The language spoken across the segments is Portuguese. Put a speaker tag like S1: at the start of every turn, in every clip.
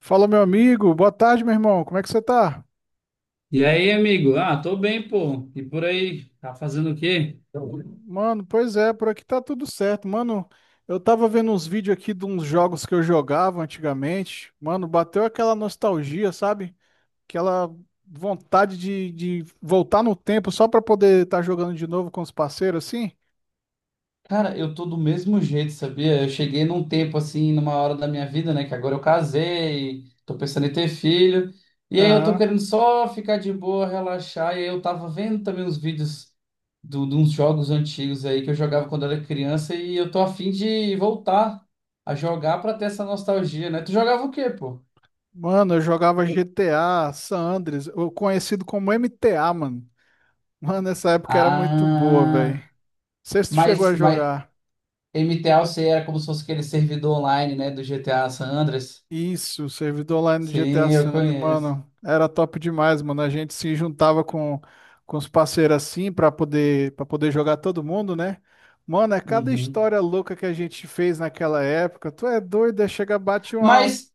S1: Fala, meu amigo. Boa tarde, meu irmão. Como é que você tá?
S2: E aí, amigo? Ah, tô bem, pô. E por aí? Tá fazendo o quê?
S1: Mano, pois é, por aqui tá tudo certo. Mano, eu tava vendo uns vídeos aqui de uns jogos que eu jogava antigamente. Mano, bateu aquela nostalgia, sabe? Aquela vontade de voltar no tempo só pra poder estar jogando de novo com os parceiros, assim.
S2: Cara, eu tô do mesmo jeito, sabia? Eu cheguei num tempo assim, numa hora da minha vida, né? Que agora eu casei, tô pensando em ter filho. E aí eu tô
S1: Aham.
S2: querendo só ficar de boa, relaxar. E aí eu tava vendo também uns vídeos do, de uns jogos antigos aí que eu jogava quando era criança. E eu tô a fim de voltar a jogar pra ter essa nostalgia, né? Tu jogava o quê, pô?
S1: Mano, eu jogava GTA, San Andreas, ou conhecido como MTA, mano. Mano, essa época era muito boa, velho. Não
S2: Ah,
S1: sei se tu chegou
S2: mas,
S1: a
S2: mas
S1: jogar.
S2: MTAOC era como se fosse aquele servidor online, né, do GTA San Andreas.
S1: Isso, o servidor lá no GTA
S2: Sim, eu
S1: Sandro,
S2: conheço.
S1: mano, era top demais, mano. A gente se juntava com os parceiros assim pra poder para poder jogar todo mundo, né? Mano, é cada
S2: Uhum.
S1: história louca que a gente fez naquela época. Tu é doido, é chega bate uma
S2: Mas,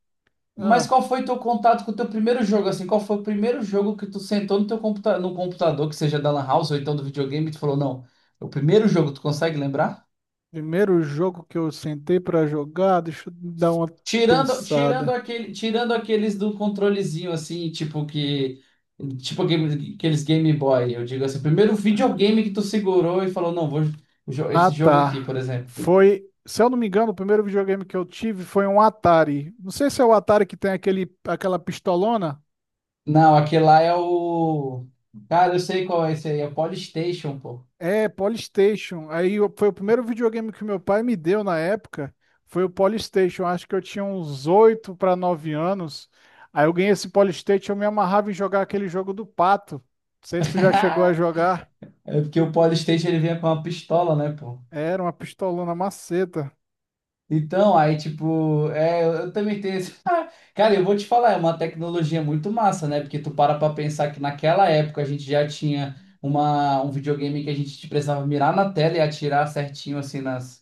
S2: mas
S1: ah,
S2: qual foi teu contato com o teu primeiro jogo, assim? Qual foi o primeiro jogo que tu sentou no teu computa no computador, que seja da Lan House ou então do videogame, e tu falou, não, é o primeiro jogo, tu consegue lembrar?
S1: primeiro jogo que eu sentei pra jogar, deixa eu dar uma
S2: Tirando, tirando
S1: pensada.
S2: aquele, tirando aqueles do controlezinho, assim, tipo que... Tipo aqueles Game Boy, eu digo assim, primeiro videogame que tu segurou e falou, não,
S1: Ah,
S2: esse jogo aqui,
S1: tá.
S2: por exemplo.
S1: Foi, se eu não me engano, o primeiro videogame que eu tive foi um Atari. Não sei se é o Atari que tem aquele aquela pistolona.
S2: Não, aquele lá é o. Cara, eu sei qual é esse aí, é o Polystation, pô.
S1: É, Polystation. Foi o primeiro videogame que meu pai me deu na época. Foi o Polystation. Acho que eu tinha uns 8 para 9 anos. Aí eu ganhei esse Polystation, eu me amarrava em jogar aquele jogo do pato. Não sei se tu já chegou a jogar.
S2: É porque o Polystation ele vinha com uma pistola, né, pô?
S1: Era uma pistolona maceta.
S2: Então, aí, tipo, é, eu também tenho esse. Cara, eu vou te falar, é uma tecnologia muito massa, né? Porque tu para pra pensar que naquela época a gente já tinha um videogame que a gente precisava mirar na tela e atirar certinho, assim, nas.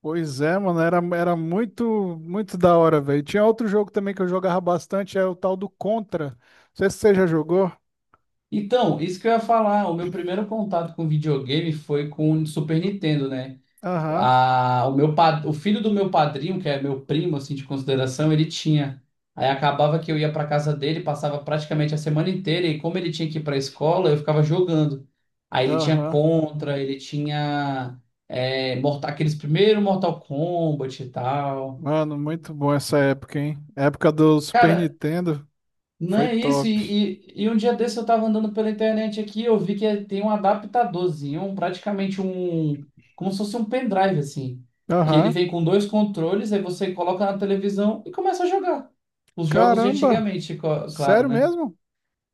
S1: Pois é, mano, era muito, muito da hora, velho. Tinha outro jogo também que eu jogava bastante, é o tal do Contra. Não sei se você já jogou.
S2: Então, isso que eu ia falar, o meu primeiro contato com videogame foi com o Super Nintendo, né?
S1: Aham,
S2: A, o meu, pa- O filho do meu padrinho, que é meu primo, assim, de consideração, ele tinha. Aí acabava que eu ia para casa dele, passava praticamente a semana inteira, e como ele tinha que ir para a escola, eu ficava jogando. Aí ele tinha
S1: aham.
S2: Contra, ele tinha Mortal, aqueles primeiros Mortal Kombat e tal.
S1: Mano, muito bom essa época, hein? Época do Super
S2: Cara,
S1: Nintendo.
S2: não
S1: Foi
S2: é isso,
S1: top.
S2: e um dia desse eu tava andando pela internet aqui, eu vi que tem um adaptadorzinho, praticamente um, como se fosse um pendrive, assim, que ele
S1: Aham.
S2: vem com dois controles, aí você coloca na televisão e começa a jogar. Os jogos de
S1: Caramba!
S2: antigamente, claro,
S1: Sério
S2: né?
S1: mesmo?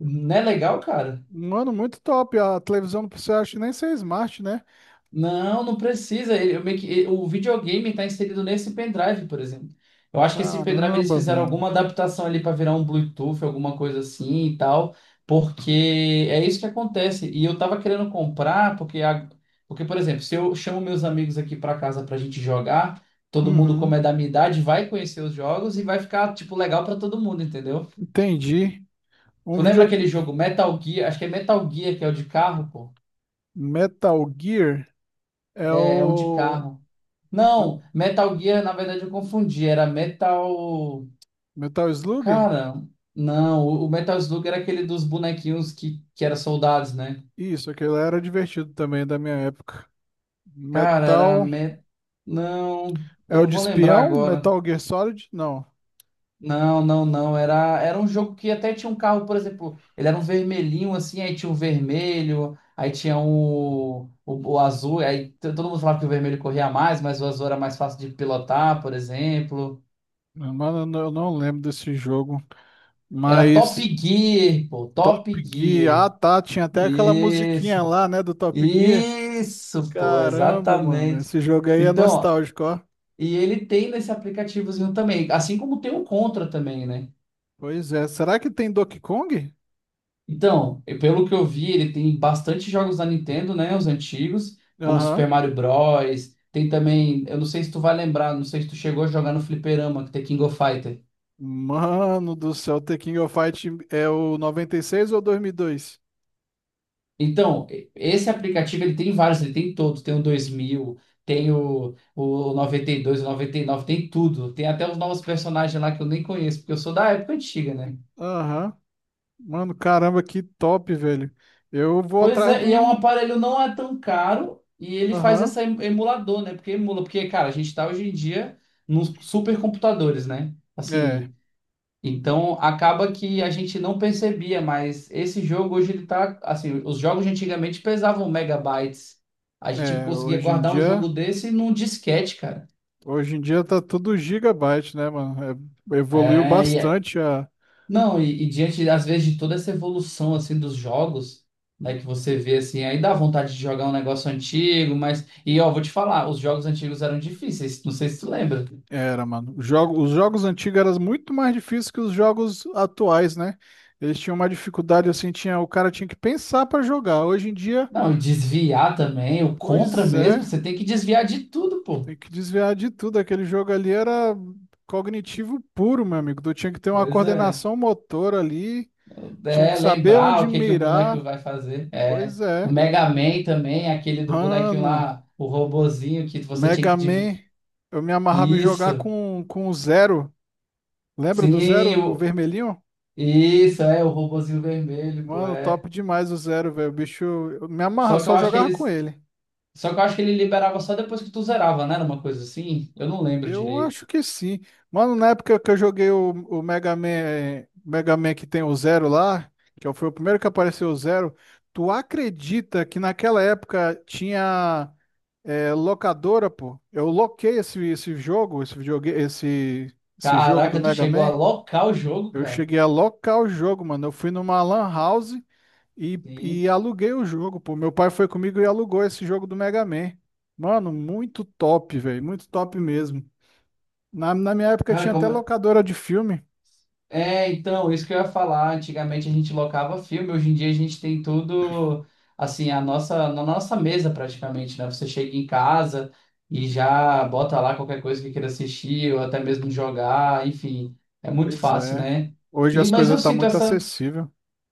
S2: Não é legal, cara?
S1: Mano, muito top. A televisão não precisa acho, nem ser smart, né?
S2: Não, não precisa. Ele- eu meio que- ele- o videogame está inserido nesse pendrive, por exemplo. Eu acho que esse pendrive eles
S1: Caramba,
S2: fizeram
S1: velho.
S2: alguma adaptação ali para virar um Bluetooth, alguma coisa assim e tal, porque é isso que acontece. E eu tava querendo comprar, porque, porque por exemplo, se eu chamo meus amigos aqui para casa para a gente jogar, todo mundo, como é
S1: Uhum.
S2: da minha idade, vai conhecer os jogos e vai ficar, tipo, legal para todo mundo, entendeu?
S1: Entendi. Um
S2: Tu
S1: vídeo
S2: lembra aquele jogo Metal Gear? Acho que é Metal Gear, que é o de carro, pô.
S1: Metal Gear é
S2: É é um de
S1: o
S2: carro.
S1: né?
S2: Não, Metal Gear, na verdade, eu confundi. Era Metal.
S1: Metal Slug?
S2: Cara, não, o Metal Slug era aquele dos bonequinhos que era soldados, né?
S1: Isso, aquele era divertido também da minha época.
S2: Cara, era
S1: Metal
S2: Met... Não,
S1: é
S2: eu
S1: o
S2: não
S1: de
S2: vou lembrar
S1: espião?
S2: agora.
S1: Metal Gear Solid? Não.
S2: Não, não, não. Era, era um jogo que até tinha um carro, por exemplo, ele era um vermelhinho assim, aí tinha um vermelho, aí tinha o azul, todo mundo falava que o vermelho corria mais, mas o azul era mais fácil de pilotar, por exemplo.
S1: Mano, eu não lembro desse jogo.
S2: Era Top
S1: Mas
S2: Gear, pô,
S1: Top
S2: Top
S1: Gear. Ah,
S2: Gear.
S1: tá. Tinha até aquela
S2: Isso,
S1: musiquinha lá, né, do Top Gear.
S2: isso, pô,
S1: Caramba, mano.
S2: exatamente.
S1: Esse jogo aí é
S2: Então,
S1: nostálgico, ó.
S2: e ele tem nesse aplicativozinho também, assim como tem o Contra também, né?
S1: Pois é. Será que tem Donkey Kong?
S2: Então, e pelo que eu vi, ele tem bastante jogos da Nintendo, né? Os antigos, como Super
S1: Aham.
S2: Mario Bros. Tem também, eu não sei se tu vai lembrar, não sei se tu chegou a jogar no Fliperama, que tem King of Fighters.
S1: Mano do céu, The King of Fight é o 96 ou 2002?
S2: Então, esse aplicativo ele tem vários, ele tem todos, tem o 2000, tem o 92, o 99, tem tudo. Tem até os novos personagens lá que eu nem conheço, porque eu sou da época antiga, né?
S1: Aham. Mano, caramba, que top, velho. Eu vou
S2: Pois
S1: atrás de
S2: é, e é um
S1: um.
S2: aparelho não é tão caro e ele faz
S1: Aham.
S2: essa emulador, né? Porque emula, porque, cara, a gente tá hoje em dia nos supercomputadores, né?
S1: É,
S2: Assim, então acaba que a gente não percebia, mas esse jogo hoje ele tá assim, os jogos de antigamente pesavam megabytes. A gente
S1: é.
S2: conseguia
S1: Hoje em
S2: guardar um jogo
S1: dia.
S2: desse num disquete, cara.
S1: Hoje em dia tá tudo gigabyte, né, mano? É, evoluiu
S2: É, e é-
S1: bastante a
S2: não, e diante às vezes de toda essa evolução assim dos jogos, né, que você vê assim, aí dá vontade de jogar um negócio antigo, mas e ó, vou te falar, os jogos antigos eram difíceis, não sei se tu lembra.
S1: Era, mano. Os jogos antigos eram muito mais difíceis que os jogos atuais, né? Eles tinham uma dificuldade assim, tinha, o cara tinha que pensar pra jogar. Hoje em dia,
S2: Não, e desviar também, o contra
S1: pois
S2: mesmo,
S1: é,
S2: você tem que desviar de tudo, pô.
S1: tem que desviar de tudo. Aquele jogo ali era cognitivo puro, meu amigo. Tu tinha que ter uma
S2: Pois é.
S1: coordenação motor ali, tinha que
S2: É,
S1: saber
S2: lembrar
S1: onde
S2: o que que o
S1: mirar.
S2: boneco vai fazer. É,
S1: Pois
S2: o
S1: é.
S2: Mega Man também, aquele do bonequinho
S1: Mano,
S2: lá, o robozinho que você tinha
S1: Mega
S2: que
S1: Man, eu me amarrava em jogar
S2: isso.
S1: com o Zero. Lembra do Zero,
S2: Sim,
S1: o vermelhinho?
S2: isso é o robozinho vermelho, pô,
S1: Mano,
S2: é.
S1: top demais o Zero, velho. O bicho, eu me amarra,
S2: Só que
S1: só
S2: eu acho que
S1: jogava com
S2: eles,
S1: ele.
S2: só que eu acho que ele liberava só depois que tu zerava, né? Era uma coisa assim. Eu não lembro
S1: Eu
S2: direito.
S1: acho que sim. Mano, na época que eu joguei o Mega Man, eh, Mega Man que tem o Zero lá, que foi o primeiro que apareceu o Zero, tu acredita que naquela época tinha locadora, pô? Eu loquei esse jogo, esse videogame, esse jogo do
S2: Caraca, tu
S1: Mega
S2: chegou a
S1: Man.
S2: locar o jogo,
S1: Eu
S2: cara.
S1: cheguei a locar o jogo, mano. Eu fui numa lan house. E
S2: Sim.
S1: aluguei o jogo, pô. Meu pai foi comigo e alugou esse jogo do Mega Man. Mano, muito top, velho. Muito top mesmo. Na minha época
S2: Cara,
S1: tinha até
S2: como
S1: locadora de filme.
S2: é, então, isso que eu ia falar. Antigamente a gente locava filme, hoje em dia a gente tem tudo assim, na nossa mesa praticamente, né? Você chega em casa e já bota lá qualquer coisa que queira assistir, ou até mesmo jogar, enfim, é muito
S1: Pois
S2: fácil,
S1: é.
S2: né?
S1: Hoje
S2: E,
S1: as
S2: mas eu
S1: coisas tá
S2: sinto
S1: muito
S2: essa
S1: acessível.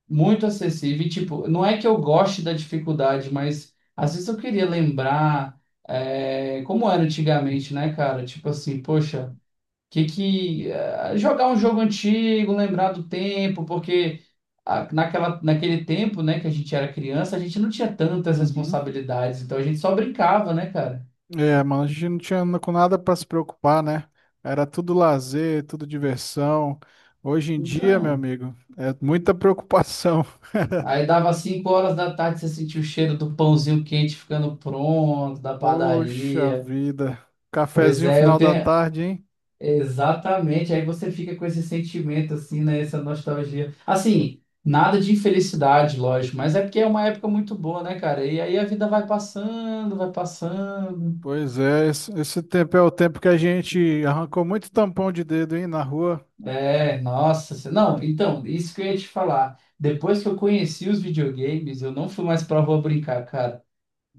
S2: muito acessível, e, tipo, não é que eu goste da dificuldade, mas às vezes eu queria lembrar como era antigamente, né, cara? Tipo assim, poxa que jogar um jogo antigo, lembrar do tempo, porque ah, naquele tempo, né, que a gente era criança, a gente não tinha tantas
S1: Uhum.
S2: responsabilidades, então a gente só brincava, né, cara?
S1: É, mano, a gente não tinha na- com nada pra se preocupar, né? Era tudo lazer, tudo diversão. Hoje em dia, meu
S2: Então,
S1: amigo, é muita preocupação.
S2: aí dava 5 horas da tarde, você sentia o cheiro do pãozinho quente ficando pronto, da
S1: Poxa
S2: padaria.
S1: vida.
S2: Pois
S1: Cafezinho
S2: é, eu
S1: final da
S2: tenho,
S1: tarde, hein?
S2: exatamente, aí você fica com esse sentimento assim, né, essa nostalgia. Assim, nada de infelicidade, lógico, mas é porque é uma época muito boa, né, cara? E aí a vida vai passando, vai passando.
S1: Pois é, esse tempo é o tempo que a gente arrancou muito tampão de dedo, hein, na rua.
S2: É, nossa, se- Não, então, isso que eu ia te falar. Depois que eu conheci os videogames, eu não fui mais pra rua brincar, cara.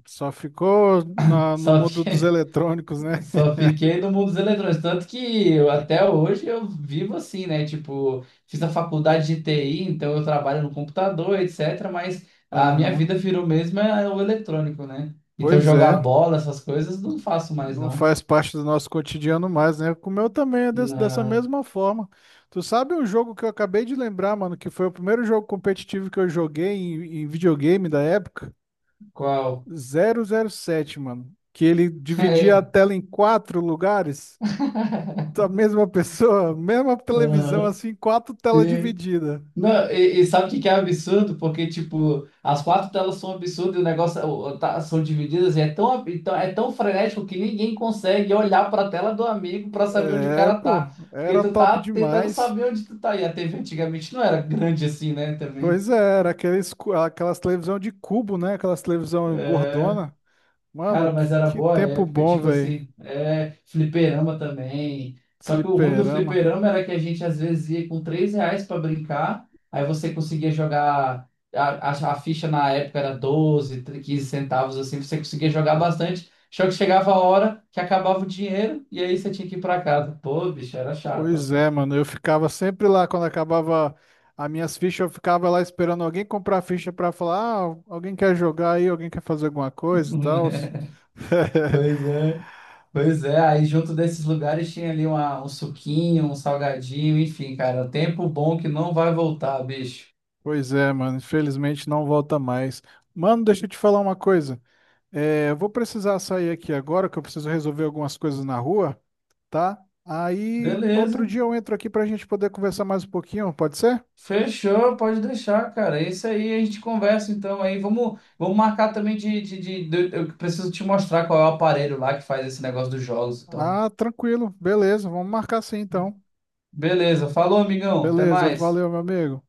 S1: Só ficou no
S2: Só
S1: mundo dos
S2: vi
S1: eletrônicos, né?
S2: Só fiquei no mundo dos eletrônicos, tanto que eu, até hoje eu vivo assim, né? Tipo, fiz a faculdade de TI, então eu trabalho no computador, etc. Mas a minha
S1: Aham.
S2: vida virou mesmo é o eletrônico, né? Então
S1: Pois
S2: jogar
S1: é,
S2: bola, essas coisas, não faço mais,
S1: não
S2: não.
S1: faz parte do nosso cotidiano mais, né? Com o meu também é dessa
S2: Não.
S1: mesma forma. Tu sabe um jogo que eu acabei de lembrar, mano, que foi o primeiro jogo competitivo que eu joguei em videogame da época?
S2: Qual?
S1: Zero zero sete mano. Que ele dividia a
S2: É.
S1: tela em quatro lugares. A mesma pessoa, mesma televisão,
S2: Aham.
S1: assim, quatro telas divididas.
S2: Não, e sabe o que que é absurdo? Porque, tipo, as quatro telas são absurdas e o negócio são divididas e é tão, então, é tão frenético que ninguém consegue olhar pra tela do amigo pra saber onde o
S1: É,
S2: cara
S1: pô,
S2: tá. Porque
S1: era
S2: tu
S1: top
S2: tá tentando
S1: demais.
S2: saber onde tu tá. E a TV antigamente não era grande assim, né? Também.
S1: Pois é, era aquelas televisão de cubo, né? Aquelas televisão
S2: É.
S1: gordona. Mano,
S2: Cara, mas era
S1: que
S2: boa
S1: tempo
S2: época,
S1: bom,
S2: tipo
S1: velho.
S2: assim, é, fliperama também. Só que o ruim do
S1: Fliperama.
S2: fliperama era que a gente às vezes ia com 3 reais pra brincar, aí você conseguia jogar, a, a ficha na época era 12 15 centavos, assim, você conseguia jogar bastante. Só que chegava a hora que acabava o dinheiro e aí você tinha que ir pra casa. Pô, bicho, era chato.
S1: Pois é, mano. Eu ficava sempre lá quando acabava as minhas fichas, eu ficava lá esperando alguém comprar a ficha pra falar, ah, alguém quer jogar aí, alguém quer fazer alguma coisa e tal.
S2: Pois é, pois é. Aí junto desses lugares tinha ali um suquinho, um salgadinho, enfim, cara, tempo bom que não vai voltar, bicho.
S1: Pois é, mano, infelizmente não volta mais. Mano, deixa eu te falar uma coisa. É, eu vou precisar sair aqui agora, que eu preciso resolver algumas coisas na rua, tá? Aí outro
S2: Beleza.
S1: dia eu entro aqui pra gente poder conversar mais um pouquinho, pode ser?
S2: Fechou, pode deixar, cara. É isso aí, a gente conversa então aí. Vamos marcar também eu preciso te mostrar qual é o aparelho lá que faz esse negócio dos jogos, então.
S1: Ah, tranquilo, beleza, vamos marcar sim então.
S2: Beleza. Falou, amigão. Até
S1: Beleza,
S2: mais.
S1: valeu, meu amigo.